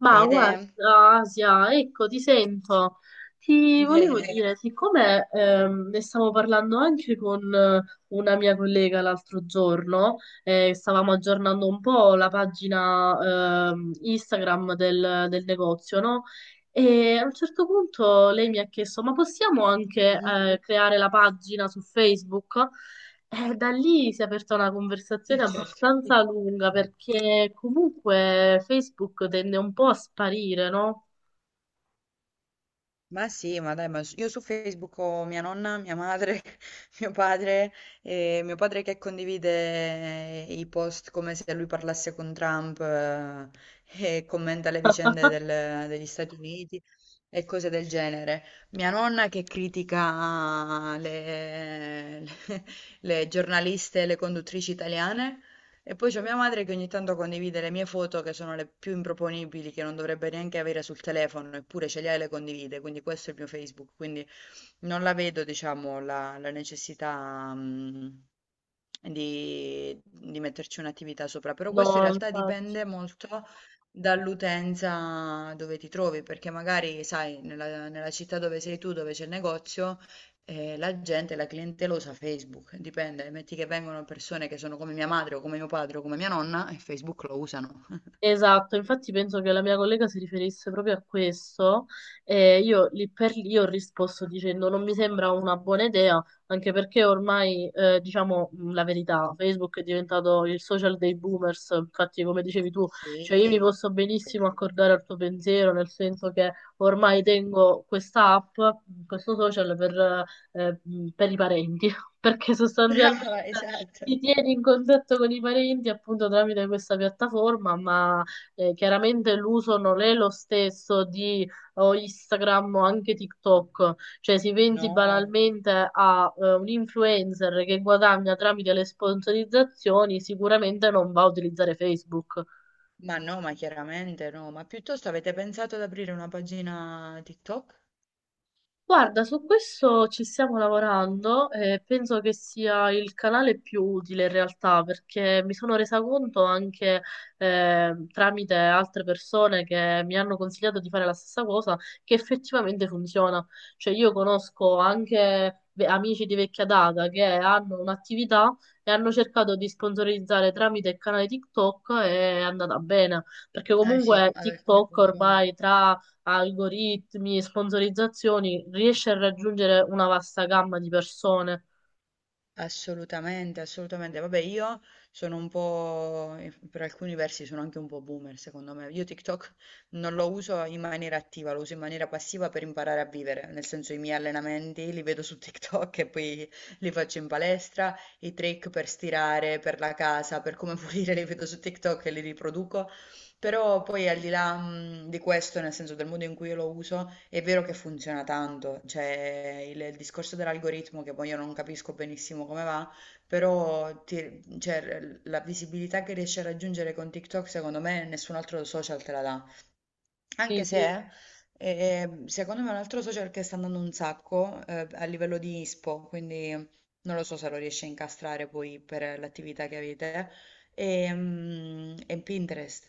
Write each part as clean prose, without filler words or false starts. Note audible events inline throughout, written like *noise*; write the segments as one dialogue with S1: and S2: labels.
S1: Ma
S2: Fede, *laughs*
S1: guarda, Asia, ecco, ti sento. Ti volevo
S2: bene.
S1: dire, siccome ne stavo parlando anche con una mia collega l'altro giorno. Eh, stavamo aggiornando un po' la pagina Instagram del negozio, no? E a un certo punto lei mi ha chiesto, ma possiamo anche
S2: Mh-mh.
S1: creare la pagina su Facebook? Da lì si è aperta una conversazione
S2: Certo. Sì.
S1: abbastanza lunga perché comunque Facebook tende un po' a sparire, no?
S2: Ma sì, ma dai, ma s io su Facebook ho mia nonna, mia madre, *laughs* mio padre, mio padre che condivide i post come se lui parlasse con Trump, e commenta le vicende
S1: *laughs*
S2: del degli Stati Uniti e cose del genere. Mia nonna che critica le *laughs* le giornaliste e le conduttrici italiane. E poi c'è mia madre che ogni tanto condivide le mie foto che sono le più improponibili, che non dovrebbe neanche avere sul telefono, eppure ce le ha e le condivide, quindi questo è il mio Facebook, quindi non la vedo diciamo la necessità, di metterci un'attività sopra, però questo in
S1: No,
S2: realtà
S1: infatti.
S2: dipende molto dall'utenza dove ti trovi, perché magari sai nella città dove sei tu, dove c'è il negozio, la gente, la clientela usa Facebook, dipende, metti che vengono persone che sono come mia madre o come mio padre o come mia nonna e Facebook lo usano.
S1: Esatto, infatti penso che la mia collega si riferisse proprio a questo e io lì per lì ho risposto dicendo non mi sembra una buona idea, anche perché ormai diciamo la verità, Facebook è diventato il social dei boomers, infatti come dicevi tu, cioè io mi
S2: Sì,
S1: posso
S2: sì.
S1: benissimo accordare al tuo pensiero, nel senso che ormai
S2: *laughs*
S1: tengo questa app, questo social per i parenti, *laughs* perché
S2: Brava,
S1: sostanzialmente
S2: esatto.
S1: ti tieni in contatto con i parenti appunto tramite questa piattaforma, ma chiaramente l'uso non è lo stesso di o Instagram o anche TikTok, cioè si pensi
S2: No.
S1: banalmente a un influencer che guadagna tramite le sponsorizzazioni, sicuramente non va a utilizzare Facebook.
S2: Ma no, ma chiaramente no, ma piuttosto avete pensato ad aprire una pagina TikTok?
S1: Guarda, su questo ci stiamo lavorando e penso che sia il canale più utile in realtà perché mi sono resa conto anche tramite altre persone che mi hanno consigliato di fare la stessa cosa che effettivamente funziona. Cioè io conosco anche amici di vecchia data che hanno un'attività e hanno cercato di sponsorizzare tramite il canale TikTok e è andata bene perché
S2: Eh sì,
S1: comunque
S2: ad alcuni
S1: TikTok
S2: funziona.
S1: ormai tra algoritmi, sponsorizzazioni, riesce a raggiungere una vasta gamma di persone.
S2: Assolutamente, assolutamente. Vabbè, io sono un po', per alcuni versi sono anche un po' boomer, secondo me. Io TikTok non lo uso in maniera attiva, lo uso in maniera passiva per imparare a vivere, nel senso i miei allenamenti li vedo su TikTok e poi li faccio in palestra, i trick per stirare, per la casa, per come *laughs* pulire li vedo su TikTok e li riproduco. Però poi al di là, di questo, nel senso del modo in cui io lo uso, è vero che funziona tanto, cioè il discorso dell'algoritmo che poi io non capisco benissimo come va, però ti- cioè, la visibilità che riesci a raggiungere con TikTok, secondo me nessun altro social te la dà.
S1: Sì,
S2: Anche
S1: sì.
S2: se, secondo me, un altro social che sta andando un sacco, a livello di ISPO, quindi non lo so se lo riesci a incastrare poi per l'attività che avete, è, mm, è Pinterest.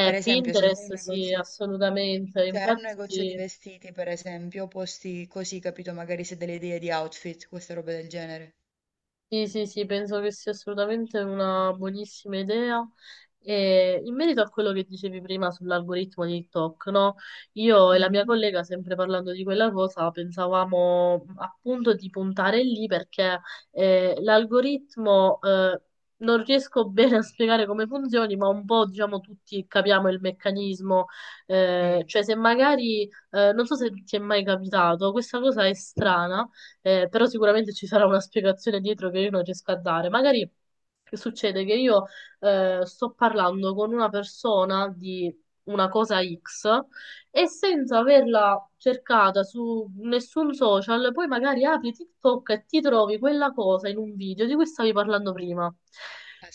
S2: Per esempio, se hai un
S1: Pinterest, sì,
S2: negozio,
S1: assolutamente.
S2: se hai un negozio di
S1: Infatti,
S2: vestiti, per esempio, posti così, capito? Magari se hai delle idee di outfit, queste robe del genere.
S1: sì, sì, sì, penso che sia assolutamente una buonissima idea. E in merito a quello che dicevi prima sull'algoritmo di TikTok, no? Io e la mia
S2: Mhm,
S1: collega, sempre parlando di quella cosa, pensavamo appunto di puntare lì perché l'algoritmo non riesco *laughs* bene a spiegare come funzioni, ma un po' diciamo tutti capiamo il meccanismo.
S2: sì,
S1: Cioè, se magari, non so se ti è mai capitato, questa cosa è strana però sicuramente ci sarà una spiegazione dietro che io non riesco a dare. Magari che succede che io sto parlando con una persona di una cosa X e senza averla cercata su nessun social, poi magari apri TikTok e ti trovi quella cosa in un video di cui stavi parlando prima.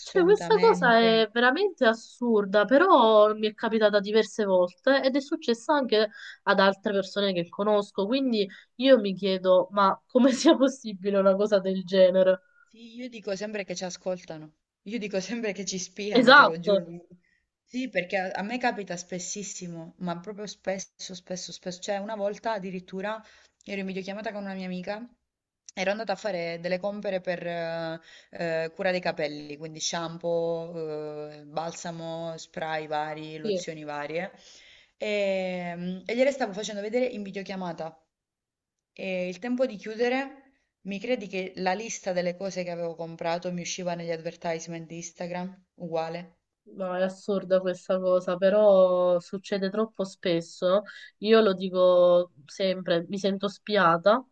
S1: Cioè, questa cosa è veramente assurda, però mi è capitata diverse volte ed è successa anche ad altre persone che conosco, quindi io mi chiedo, ma come sia possibile una cosa del genere?
S2: Sì, io dico sempre che ci ascoltano, io dico sempre che ci spiano, te lo giuro.
S1: Esatto,
S2: Sì, perché a me capita spessissimo, ma proprio spesso, spesso, spesso. Cioè, una volta addirittura ero in videochiamata con una mia amica, ero andata a fare delle compere per cura dei capelli, quindi shampoo, balsamo, spray vari,
S1: sì.
S2: lozioni varie, e gliele stavo facendo vedere in videochiamata. E il tempo di chiudere, mi credi che la lista delle cose che avevo comprato mi usciva negli advertisement di Instagram? Uguale.
S1: No, è assurda questa cosa, però succede troppo spesso. Io lo dico sempre, mi sento spiata,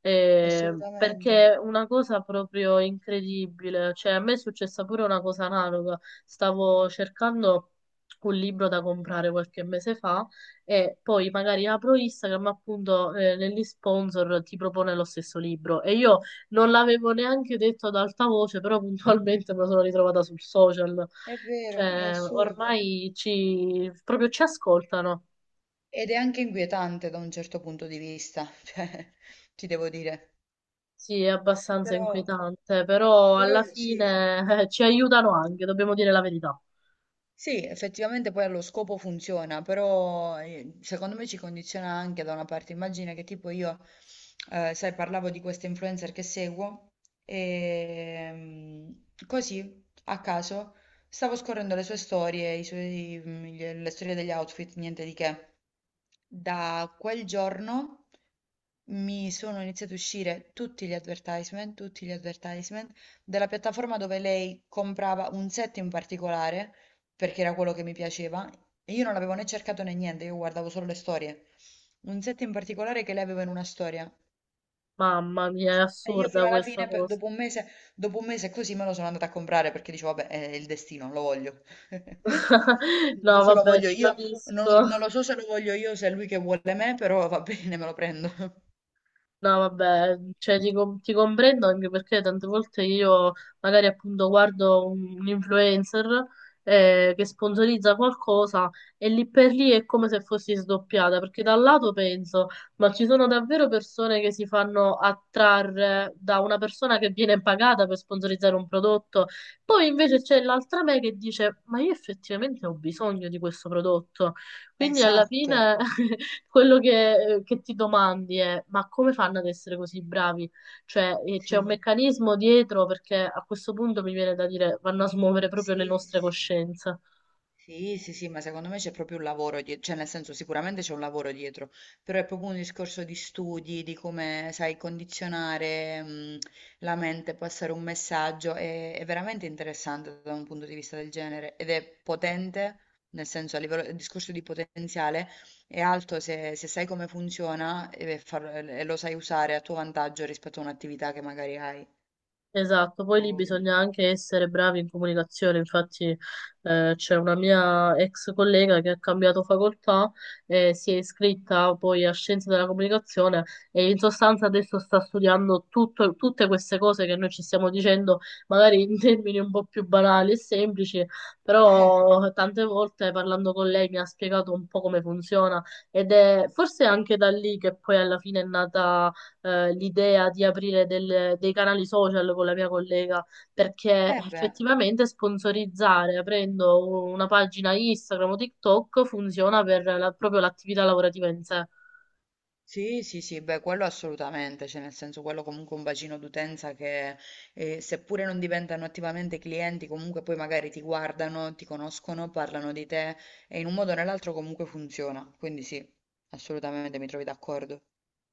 S2: Assolutamente.
S1: perché è una cosa proprio incredibile. Cioè, a me è successa pure una cosa analoga. Stavo cercando un libro da comprare qualche mese fa e poi magari apro Instagram, appunto, negli sponsor ti propone lo stesso libro. E io non l'avevo neanche detto ad alta voce, però *laughs* puntualmente me lo sono ritrovata sul social.
S2: È vero, è
S1: Cioè,
S2: assurdo.
S1: ormai ci, proprio ci ascoltano.
S2: Ed è anche inquietante da un certo punto di vista, *laughs* cioè, ti devo dire.
S1: Sì, è abbastanza
S2: Però,
S1: inquietante, però
S2: però
S1: alla
S2: sì.
S1: fine ci aiutano anche, dobbiamo dire la verità.
S2: Sì, effettivamente poi allo scopo funziona, però secondo me ci condiziona anche da una parte. Immagina che tipo io, sai, parlavo di queste influencer che seguo e mm, così, a caso, stavo scorrendo le sue storie, i suoi- mm, le storie degli outfit, niente di che. Da quel giorno mi sono iniziati a uscire tutti gli advertisement della piattaforma dove lei comprava un set in particolare, perché era quello che mi piaceva, e io non l'avevo né cercato né niente, io guardavo solo le storie. Un set in particolare che lei aveva in una storia.
S1: Mamma mia, è
S2: Sì. E io fino
S1: assurda
S2: alla
S1: questa
S2: fine, per-
S1: cosa.
S2: dopo un mese così me lo sono andata a comprare perché dicevo, vabbè, è il destino, lo voglio. *laughs*
S1: *laughs*
S2: Non so
S1: No,
S2: se lo
S1: vabbè,
S2: voglio
S1: ti
S2: io,
S1: capisco.
S2: non lo so se lo voglio io, se è lui che vuole me, però va bene, me lo prendo. *laughs*
S1: No, vabbè, cioè, ti comprendo anche perché tante volte io magari appunto guardo un influencer che sponsorizza qualcosa e lì per lì è come se fossi sdoppiata, perché da un lato penso, ma ci sono davvero persone che si fanno attrarre da una persona che viene pagata per sponsorizzare un prodotto, poi invece c'è l'altra me che dice, ma io effettivamente ho bisogno di questo prodotto, quindi alla
S2: Esatto,
S1: fine quello che ti domandi è: ma come fanno ad essere così bravi? Cioè, c'è un
S2: sì,
S1: meccanismo dietro perché a questo punto mi viene da dire vanno a smuovere proprio le
S2: sì,
S1: nostre
S2: sì.
S1: coscienze.
S2: Sì, sì, sì, ma secondo me c'è proprio un lavoro dietro, cioè nel senso sicuramente c'è un lavoro dietro, però è proprio un discorso di studi, di come sai condizionare, la mente, passare un messaggio, è veramente interessante da un punto di vista del genere ed è potente, nel senso a livello, il discorso di potenziale è alto se, se sai come funziona e, far- e lo sai usare a tuo vantaggio rispetto a un'attività che magari hai. A
S1: Esatto, poi lì
S2: voglia.
S1: bisogna anche essere bravi in comunicazione, infatti c'è una mia ex collega che ha cambiato facoltà e si è iscritta poi a Scienze della Comunicazione e in sostanza adesso sta studiando tutte queste cose che noi ci stiamo dicendo, magari in *laughs* termini un po' più banali e semplici,
S2: Eh,
S1: però tante volte parlando con lei mi ha spiegato un po' come funziona ed è forse anche da lì che poi alla fine è nata l'idea di aprire dei canali social con la mia collega, perché
S2: eh beh.
S1: effettivamente sponsorizzare aprendo una pagina Instagram o TikTok funziona per proprio l'attività lavorativa in sé.
S2: Sì, sì, sì, beh, quello assolutamente, cioè nel senso quello comunque è un bacino d'utenza che seppure non diventano attivamente clienti, comunque poi magari ti guardano, ti conoscono, parlano di te e in un modo o nell'altro comunque funziona. Quindi sì, assolutamente mi trovi d'accordo.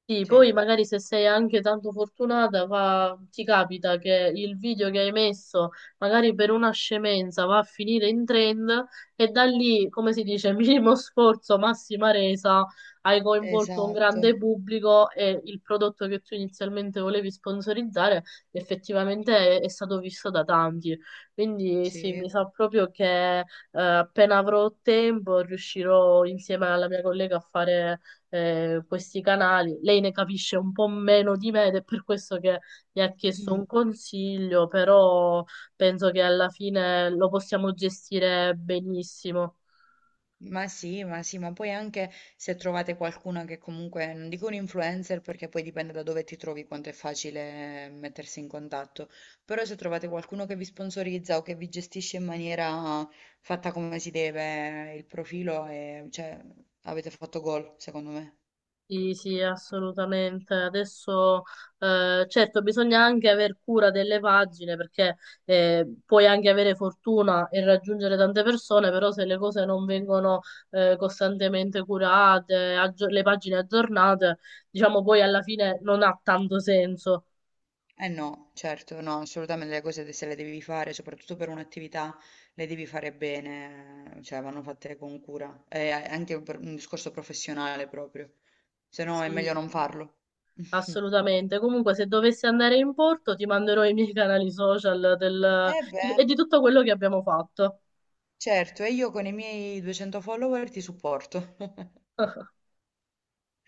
S1: Sì,
S2: Sì.
S1: poi magari se sei anche tanto fortunata, ti capita che il video che hai messo, magari per una scemenza, va a finire in trend e da lì, come si dice, *laughs* minimo sforzo, massima resa, hai coinvolto un
S2: Esatto,
S1: grande pubblico e il prodotto che tu inizialmente volevi sponsorizzare effettivamente è stato visto da tanti. Quindi sì, mi
S2: sì.
S1: sa proprio che appena avrò tempo riuscirò insieme alla mia collega a fare questi canali. Lei ne capisce un po' meno di me ed è per questo che mi ha
S2: *clears throat*
S1: chiesto
S2: Mm.
S1: un consiglio, però penso che alla fine lo possiamo gestire benissimo.
S2: Ma sì, ma sì, ma poi anche se trovate qualcuno che comunque, non dico un influencer perché poi dipende da dove ti trovi quanto è facile mettersi in contatto, però se trovate qualcuno che vi sponsorizza o che vi gestisce in maniera fatta come si deve il profilo, e, cioè, avete fatto gol, secondo me.
S1: Sì, sì, assolutamente. Adesso, certo, bisogna anche aver cura delle pagine perché puoi anche avere fortuna e raggiungere tante persone, però se le cose non vengono costantemente curate, le pagine aggiornate, diciamo poi alla fine non ha tanto senso.
S2: Eh no, certo, no, assolutamente le cose de- se le devi fare, soprattutto per un'attività, le devi fare bene, cioè vanno fatte con cura, è anche per un discorso professionale proprio, se no è meglio
S1: Sì,
S2: non
S1: sì,
S2: farlo. *laughs*
S1: assolutamente. Comunque, se dovessi andare in porto, ti manderò i miei canali social
S2: Eh
S1: e
S2: beh,
S1: di tutto quello che abbiamo fatto.
S2: certo, e io con i miei 200 follower ti supporto. *laughs*